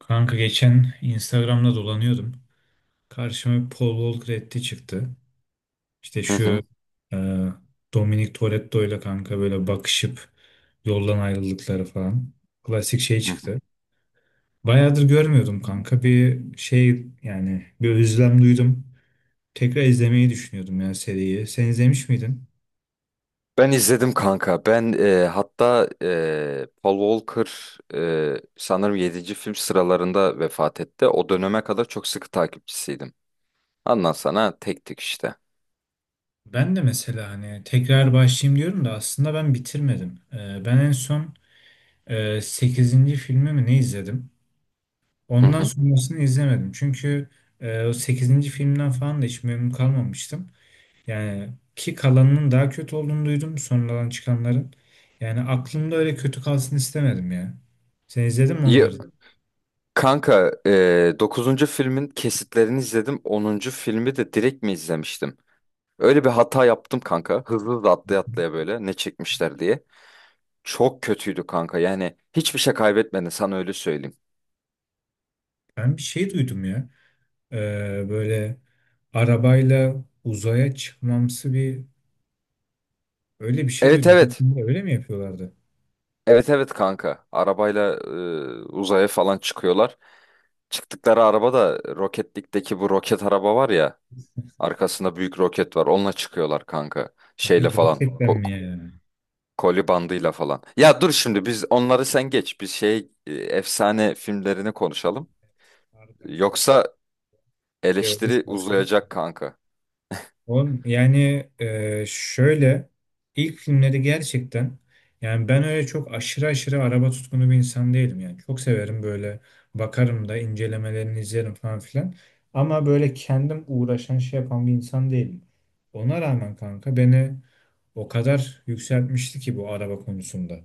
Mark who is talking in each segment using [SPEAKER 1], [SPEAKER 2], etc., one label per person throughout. [SPEAKER 1] Kanka geçen Instagram'da dolanıyordum. Karşıma Paul Walker etti çıktı. İşte
[SPEAKER 2] Hı
[SPEAKER 1] şu
[SPEAKER 2] hı.
[SPEAKER 1] e, Dominic Toretto ile kanka böyle bakışıp yoldan ayrıldıkları falan. Klasik şey
[SPEAKER 2] Hı hı.
[SPEAKER 1] çıktı. Bayağıdır görmüyordum kanka. Bir şey yani bir özlem duydum. Tekrar izlemeyi düşünüyordum ya seriyi. Sen izlemiş miydin?
[SPEAKER 2] Ben izledim kanka. Ben hatta Paul Walker sanırım yedinci film sıralarında vefat etti. O döneme kadar çok sıkı takipçisiydim. Ondan sana tek tek işte.
[SPEAKER 1] Ben de mesela hani tekrar başlayayım diyorum da aslında ben bitirmedim. Ben en son 8. filmi mi ne izledim?
[SPEAKER 2] Hı
[SPEAKER 1] Ondan
[SPEAKER 2] hı.
[SPEAKER 1] sonrasını izlemedim. Çünkü o sekizinci filmden falan da hiç memnun kalmamıştım. Yani ki kalanının daha kötü olduğunu duydum sonradan çıkanların. Yani aklımda öyle kötü kalsın istemedim ya. Sen izledin mi
[SPEAKER 2] Ya,
[SPEAKER 1] onları?
[SPEAKER 2] kanka 9. filmin kesitlerini izledim. Onuncu filmi de direkt mi izlemiştim? Öyle bir hata yaptım kanka. Hızlı da atlaya atlaya böyle ne çekmişler diye. Çok kötüydü kanka. Yani hiçbir şey kaybetmedin, sana öyle söyleyeyim.
[SPEAKER 1] Ben bir şey duydum ya. E, böyle arabayla uzaya çıkmamsı bir öyle bir şey
[SPEAKER 2] Evet,
[SPEAKER 1] duydum. Bu
[SPEAKER 2] evet.
[SPEAKER 1] filmde öyle mi yapıyorlardı?
[SPEAKER 2] Evet, evet, kanka. Arabayla uzaya falan çıkıyorlar. Çıktıkları araba da Roketlik'teki bu roket araba var ya. Arkasında büyük roket var. Onunla çıkıyorlar kanka.
[SPEAKER 1] Yani
[SPEAKER 2] Şeyle falan.
[SPEAKER 1] gerçekten
[SPEAKER 2] ko-
[SPEAKER 1] mi yani?
[SPEAKER 2] koli bandıyla falan. Ya dur şimdi, biz onları sen geç. Biz şey efsane filmlerini konuşalım.
[SPEAKER 1] Harbiden şu an
[SPEAKER 2] Yoksa
[SPEAKER 1] şey
[SPEAKER 2] eleştiri
[SPEAKER 1] oluşmasam.
[SPEAKER 2] uzayacak kanka.
[SPEAKER 1] Oğlum yani şöyle ilk filmleri gerçekten yani ben öyle çok aşırı aşırı araba tutkunu bir insan değilim yani. Çok severim böyle bakarım da incelemelerini izlerim falan filan. Ama böyle kendim uğraşan şey yapan bir insan değilim. Ona rağmen kanka beni o kadar yükseltmişti ki bu araba konusunda.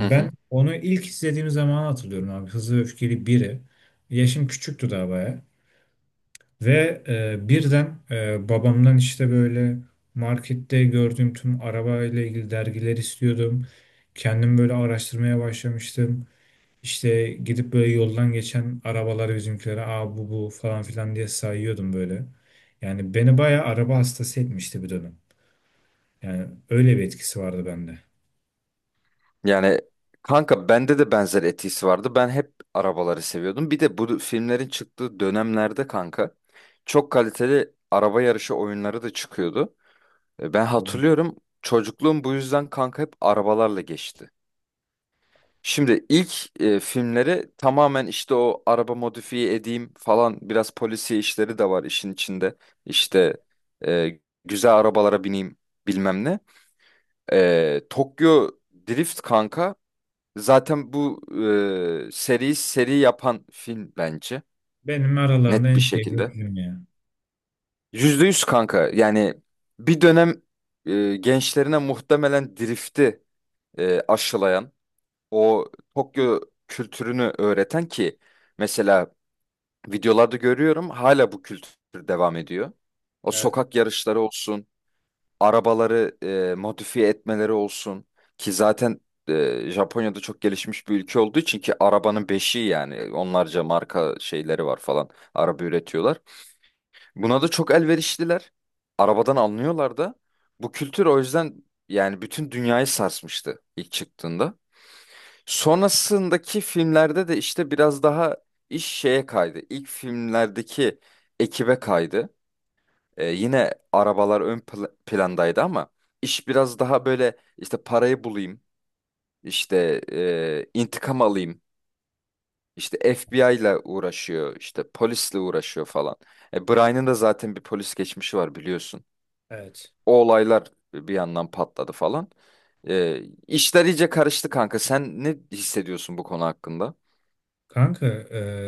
[SPEAKER 2] Hı
[SPEAKER 1] ben
[SPEAKER 2] hı.
[SPEAKER 1] onu ilk izlediğim zaman hatırlıyorum abi. Hızlı ve Öfkeli biri. Yaşım küçüktü daha baya. Ve birden babamdan işte böyle markette gördüğüm tüm araba ile ilgili dergiler istiyordum. Kendim böyle araştırmaya başlamıştım. İşte gidip böyle yoldan geçen arabaları bizimkilere aa bu bu falan filan diye sayıyordum böyle. Yani beni bayağı araba hastası etmişti bir dönem. Yani öyle bir etkisi vardı bende.
[SPEAKER 2] Yani kanka, bende de benzer etkisi vardı. Ben hep arabaları seviyordum. Bir de bu filmlerin çıktığı dönemlerde kanka çok kaliteli araba yarışı oyunları da çıkıyordu. Ben
[SPEAKER 1] Anladım.
[SPEAKER 2] hatırlıyorum, çocukluğum bu yüzden kanka hep arabalarla geçti. Şimdi ilk filmleri tamamen işte o araba modifiye edeyim falan, biraz polisiye işleri de var işin içinde. İşte e, güzel arabalara bineyim bilmem ne. Tokyo Drift kanka. Zaten bu seriyi seri yapan film bence.
[SPEAKER 1] Benim aralarında
[SPEAKER 2] Net bir
[SPEAKER 1] en sevdiğim
[SPEAKER 2] şekilde.
[SPEAKER 1] film ya.
[SPEAKER 2] %100 kanka. Yani bir dönem gençlerine muhtemelen drifti aşılayan, o Tokyo kültürünü öğreten. Ki mesela videolarda görüyorum, hala bu kültür devam ediyor. O
[SPEAKER 1] Evet.
[SPEAKER 2] sokak yarışları olsun, arabaları modifiye etmeleri olsun. Ki zaten Japonya'da çok gelişmiş bir ülke olduğu için, ki arabanın beşiği yani, onlarca marka şeyleri var falan, araba üretiyorlar. Buna da çok elverişliler. Arabadan anlıyorlar da. Bu kültür o yüzden yani bütün dünyayı sarsmıştı ilk çıktığında. Sonrasındaki filmlerde de işte biraz daha iş şeye kaydı. İlk filmlerdeki ekibe kaydı. Yine arabalar ön plandaydı ama iş biraz daha böyle işte parayı bulayım, işte intikam alayım, işte FBI ile uğraşıyor, işte polisle uğraşıyor falan. Brian'ın da zaten bir polis geçmişi var, biliyorsun.
[SPEAKER 1] Evet.
[SPEAKER 2] O olaylar bir yandan patladı falan. E, işler iyice karıştı kanka. Sen ne hissediyorsun bu konu hakkında?
[SPEAKER 1] Kanka,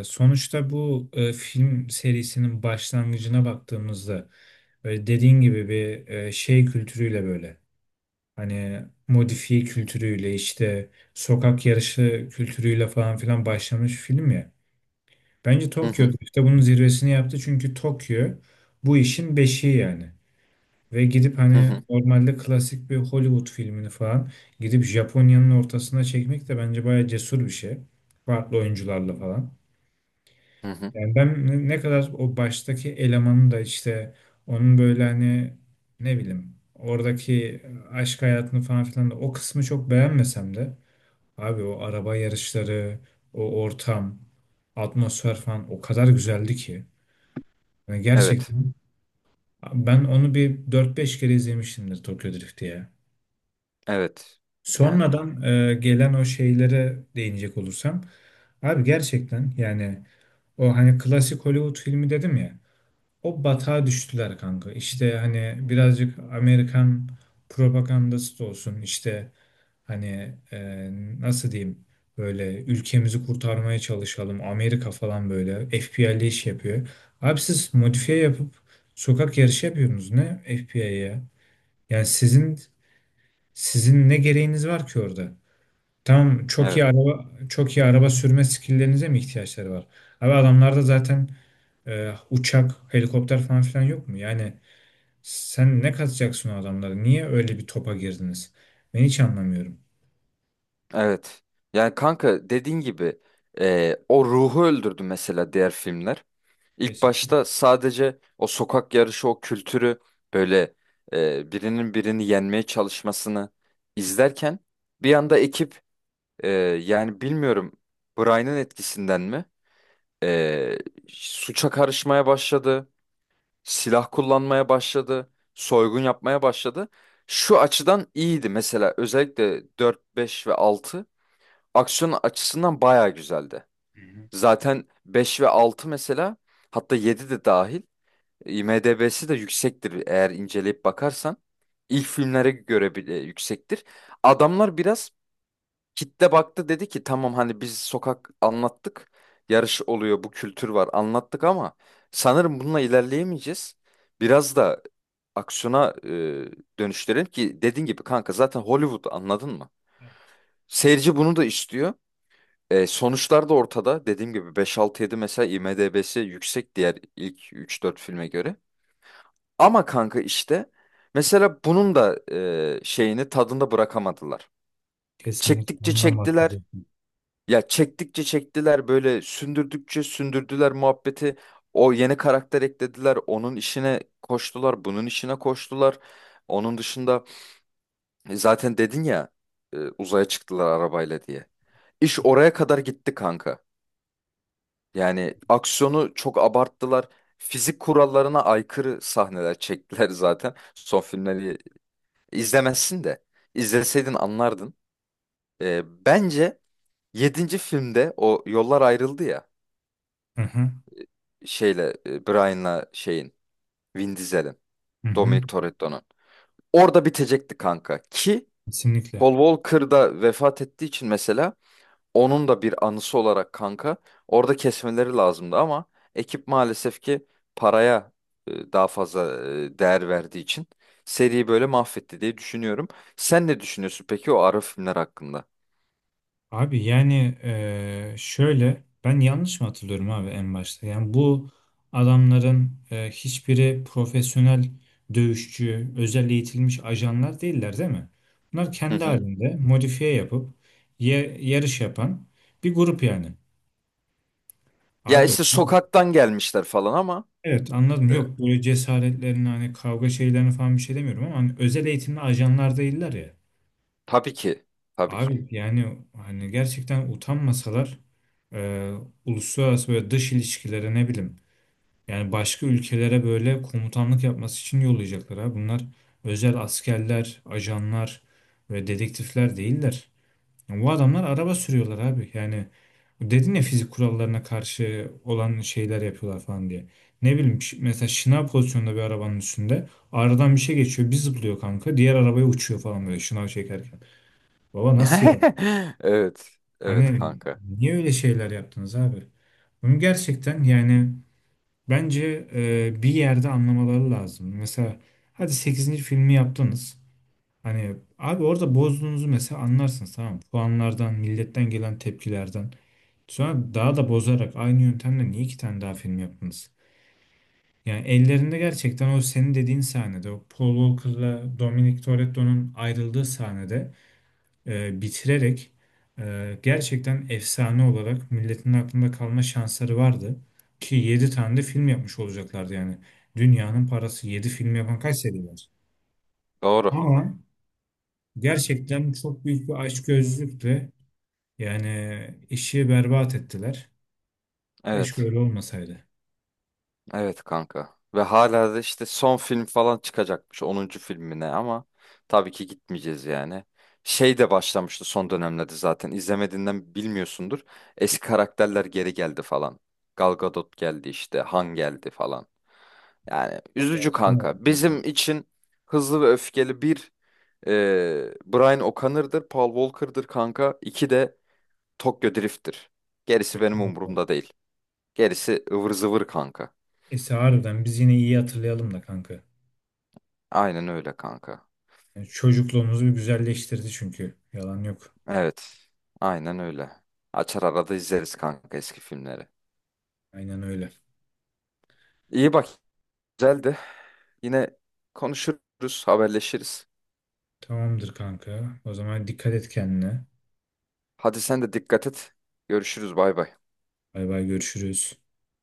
[SPEAKER 1] sonuçta bu film serisinin başlangıcına baktığımızda böyle dediğin gibi bir şey kültürüyle böyle hani modifiye kültürüyle işte sokak yarışı kültürüyle falan filan başlamış film ya. Bence
[SPEAKER 2] Hı
[SPEAKER 1] Tokyo
[SPEAKER 2] hı,
[SPEAKER 1] işte bunun zirvesini yaptı çünkü Tokyo bu işin beşiği yani. Ve gidip
[SPEAKER 2] hı
[SPEAKER 1] hani
[SPEAKER 2] hı,
[SPEAKER 1] normalde klasik bir Hollywood filmini falan gidip Japonya'nın ortasına çekmek de bence bayağı cesur bir şey. Farklı oyuncularla falan.
[SPEAKER 2] hı hı.
[SPEAKER 1] Yani ben ne kadar o baştaki elemanın da işte onun böyle hani ne bileyim oradaki aşk hayatını falan filan da o kısmı çok beğenmesem de abi o araba yarışları, o ortam, atmosfer falan o kadar güzeldi ki. Yani
[SPEAKER 2] Evet,
[SPEAKER 1] gerçekten ben onu bir dört beş kere izlemişimdir Tokyo Drift diye.
[SPEAKER 2] evet. Yani,
[SPEAKER 1] Sonradan gelen o şeylere değinecek olursam abi gerçekten yani o hani klasik Hollywood filmi dedim ya. O batağa düştüler kanka. İşte hani birazcık Amerikan propagandası da olsun. İşte hani nasıl diyeyim böyle ülkemizi kurtarmaya çalışalım. Amerika falan böyle FBI'li iş yapıyor. Abi siz modifiye yapıp sokak yarışı yapıyorsunuz ne FBI'ye? Yani sizin ne gereğiniz var ki orada? Tamam çok
[SPEAKER 2] evet.
[SPEAKER 1] iyi araba çok iyi araba sürme skilllerinize mi ihtiyaçları var? Abi adamlarda zaten uçak, helikopter falan filan yok mu? Yani sen ne katacaksın o adamlara? Niye öyle bir topa girdiniz? Ben hiç anlamıyorum.
[SPEAKER 2] Evet. Yani kanka, dediğin gibi o ruhu öldürdü mesela diğer filmler. İlk
[SPEAKER 1] Kesin.
[SPEAKER 2] başta sadece o sokak yarışı, o kültürü, böyle birinin birini yenmeye çalışmasını izlerken, bir anda ekip, e, yani bilmiyorum Brian'ın etkisinden mi, e, suça karışmaya başladı, silah kullanmaya başladı, soygun yapmaya başladı. Şu açıdan iyiydi mesela, özellikle 4 5 ve altı, aksiyon açısından bayağı güzeldi.
[SPEAKER 1] Hı hı.
[SPEAKER 2] Zaten 5 ve 6 mesela, hatta 7 de dahil, IMDb'si de yüksektir, eğer inceleyip bakarsan. İlk filmlere göre bile yüksektir. Adamlar biraz kitle baktı, dedi ki tamam, hani biz sokak anlattık. Yarış oluyor, bu kültür var, anlattık ama sanırım bununla ilerleyemeyeceğiz. Biraz da aksiyona dönüştürelim, ki dediğin gibi kanka, zaten Hollywood, anladın mı? Seyirci bunu da istiyor. Sonuçlar da ortada. Dediğim gibi beş altı yedi mesela IMDb'si yüksek, diğer ilk üç dört filme göre. Ama kanka işte, mesela bunun da şeyini tadında bırakamadılar.
[SPEAKER 1] Kesinlikle
[SPEAKER 2] Çektikçe
[SPEAKER 1] ondan
[SPEAKER 2] çektiler.
[SPEAKER 1] bahsedecektim.
[SPEAKER 2] Ya çektikçe çektiler, böyle sündürdükçe sündürdüler muhabbeti. O yeni karakter eklediler. Onun işine koştular. Bunun işine koştular. Onun dışında zaten dedin ya, uzaya çıktılar arabayla diye. İş oraya kadar gitti kanka. Yani aksiyonu çok abarttılar. Fizik kurallarına aykırı sahneler çektiler zaten. Son filmleri izlemezsin de, izleseydin anlardın. Bence yedinci filmde o yollar ayrıldı ya.
[SPEAKER 1] Hı hı.
[SPEAKER 2] Şeyle, Brian'la şeyin, Vin Diesel'in,
[SPEAKER 1] Hı hı.
[SPEAKER 2] Dominic Toretto'nun. Orada bitecekti kanka. Ki
[SPEAKER 1] Kesinlikle.
[SPEAKER 2] Paul Walker da vefat ettiği için mesela, onun da bir anısı olarak kanka, orada kesmeleri lazımdı ama ekip maalesef ki paraya daha fazla değer verdiği için seriyi böyle mahvetti diye düşünüyorum. Sen ne düşünüyorsun peki o ara filmler hakkında?
[SPEAKER 1] Abi yani şöyle ben yanlış mı hatırlıyorum abi en başta? Yani bu adamların hiçbiri profesyonel dövüşçü, özel eğitilmiş ajanlar değiller değil mi? Bunlar
[SPEAKER 2] Hı
[SPEAKER 1] kendi
[SPEAKER 2] hı.
[SPEAKER 1] halinde modifiye yapıp yarış yapan bir grup yani.
[SPEAKER 2] Ya
[SPEAKER 1] Abi.
[SPEAKER 2] işte sokaktan gelmişler falan ama
[SPEAKER 1] Evet, anladım.
[SPEAKER 2] e,
[SPEAKER 1] Yok böyle cesaretlerini hani kavga şeylerini falan bir şey demiyorum ama hani özel eğitimli ajanlar değiller ya.
[SPEAKER 2] tabii ki, tabii ki.
[SPEAKER 1] Abi yani hani gerçekten utanmasalar e, uluslararası böyle dış ilişkilere ne bileyim yani başka ülkelere böyle komutanlık yapması için yollayacaklar ha. Bunlar özel askerler, ajanlar ve dedektifler değiller. Bu adamlar araba sürüyorlar abi. Yani dedin ya fizik kurallarına karşı olan şeyler yapıyorlar falan diye. Ne bileyim mesela şınav pozisyonunda bir arabanın üstünde aradan bir şey geçiyor bir zıplıyor kanka diğer arabaya uçuyor falan böyle şınav çekerken. Baba nasıl ya?
[SPEAKER 2] Evet, evet
[SPEAKER 1] Hani
[SPEAKER 2] kanka,
[SPEAKER 1] niye öyle şeyler yaptınız abi? Bunu gerçekten yani bence bir yerde anlamaları lazım. Mesela hadi sekizinci filmi yaptınız. Hani abi orada bozduğunuzu mesela anlarsınız tamam mı? Puanlardan, milletten gelen tepkilerden. Sonra daha da bozarak aynı yöntemle niye iki tane daha film yaptınız? Yani ellerinde gerçekten o senin dediğin sahnede, o Paul Walker'la Dominic Toretto'nun ayrıldığı sahnede bitirerek gerçekten efsane olarak milletin aklında kalma şansları vardı. Ki 7 tane de film yapmış olacaklardı yani. Dünyanın parası 7 film yapan kaç seri var?
[SPEAKER 2] doğru,
[SPEAKER 1] Ama gerçekten çok büyük bir açgözlülükle yani işi berbat ettiler. Keşke
[SPEAKER 2] evet.
[SPEAKER 1] öyle olmasaydı.
[SPEAKER 2] Evet kanka. Ve hala da işte son film falan çıkacakmış, onuncu filmine, ama tabii ki gitmeyeceğiz yani. Şey de başlamıştı son dönemlerde zaten. İzlemediğinden bilmiyorsundur. Eski karakterler geri geldi falan. Gal Gadot geldi işte. Han geldi falan. Yani üzücü
[SPEAKER 1] Gerçekten
[SPEAKER 2] kanka.
[SPEAKER 1] oldu ya.
[SPEAKER 2] Bizim için Hızlı ve Öfkeli bir e, Brian O'Connor'dır, Paul Walker'dır kanka. İki de Tokyo Drift'tir. Gerisi benim
[SPEAKER 1] Kesinlikle.
[SPEAKER 2] umurumda değil. Gerisi ıvır zıvır kanka.
[SPEAKER 1] Neyse harbiden biz yine iyi hatırlayalım da kanka.
[SPEAKER 2] Aynen öyle kanka.
[SPEAKER 1] Yani çocukluğumuzu bir güzelleştirdi çünkü. Yalan yok.
[SPEAKER 2] Evet. Aynen öyle. Açar arada izleriz kanka eski filmleri.
[SPEAKER 1] Aynen öyle.
[SPEAKER 2] İyi bak, güzeldi. Yine konuşuruz, haberleşiriz.
[SPEAKER 1] Tamamdır kanka. O zaman dikkat et kendine.
[SPEAKER 2] Hadi sen de dikkat et. Görüşürüz, bay bay.
[SPEAKER 1] Bay bay görüşürüz.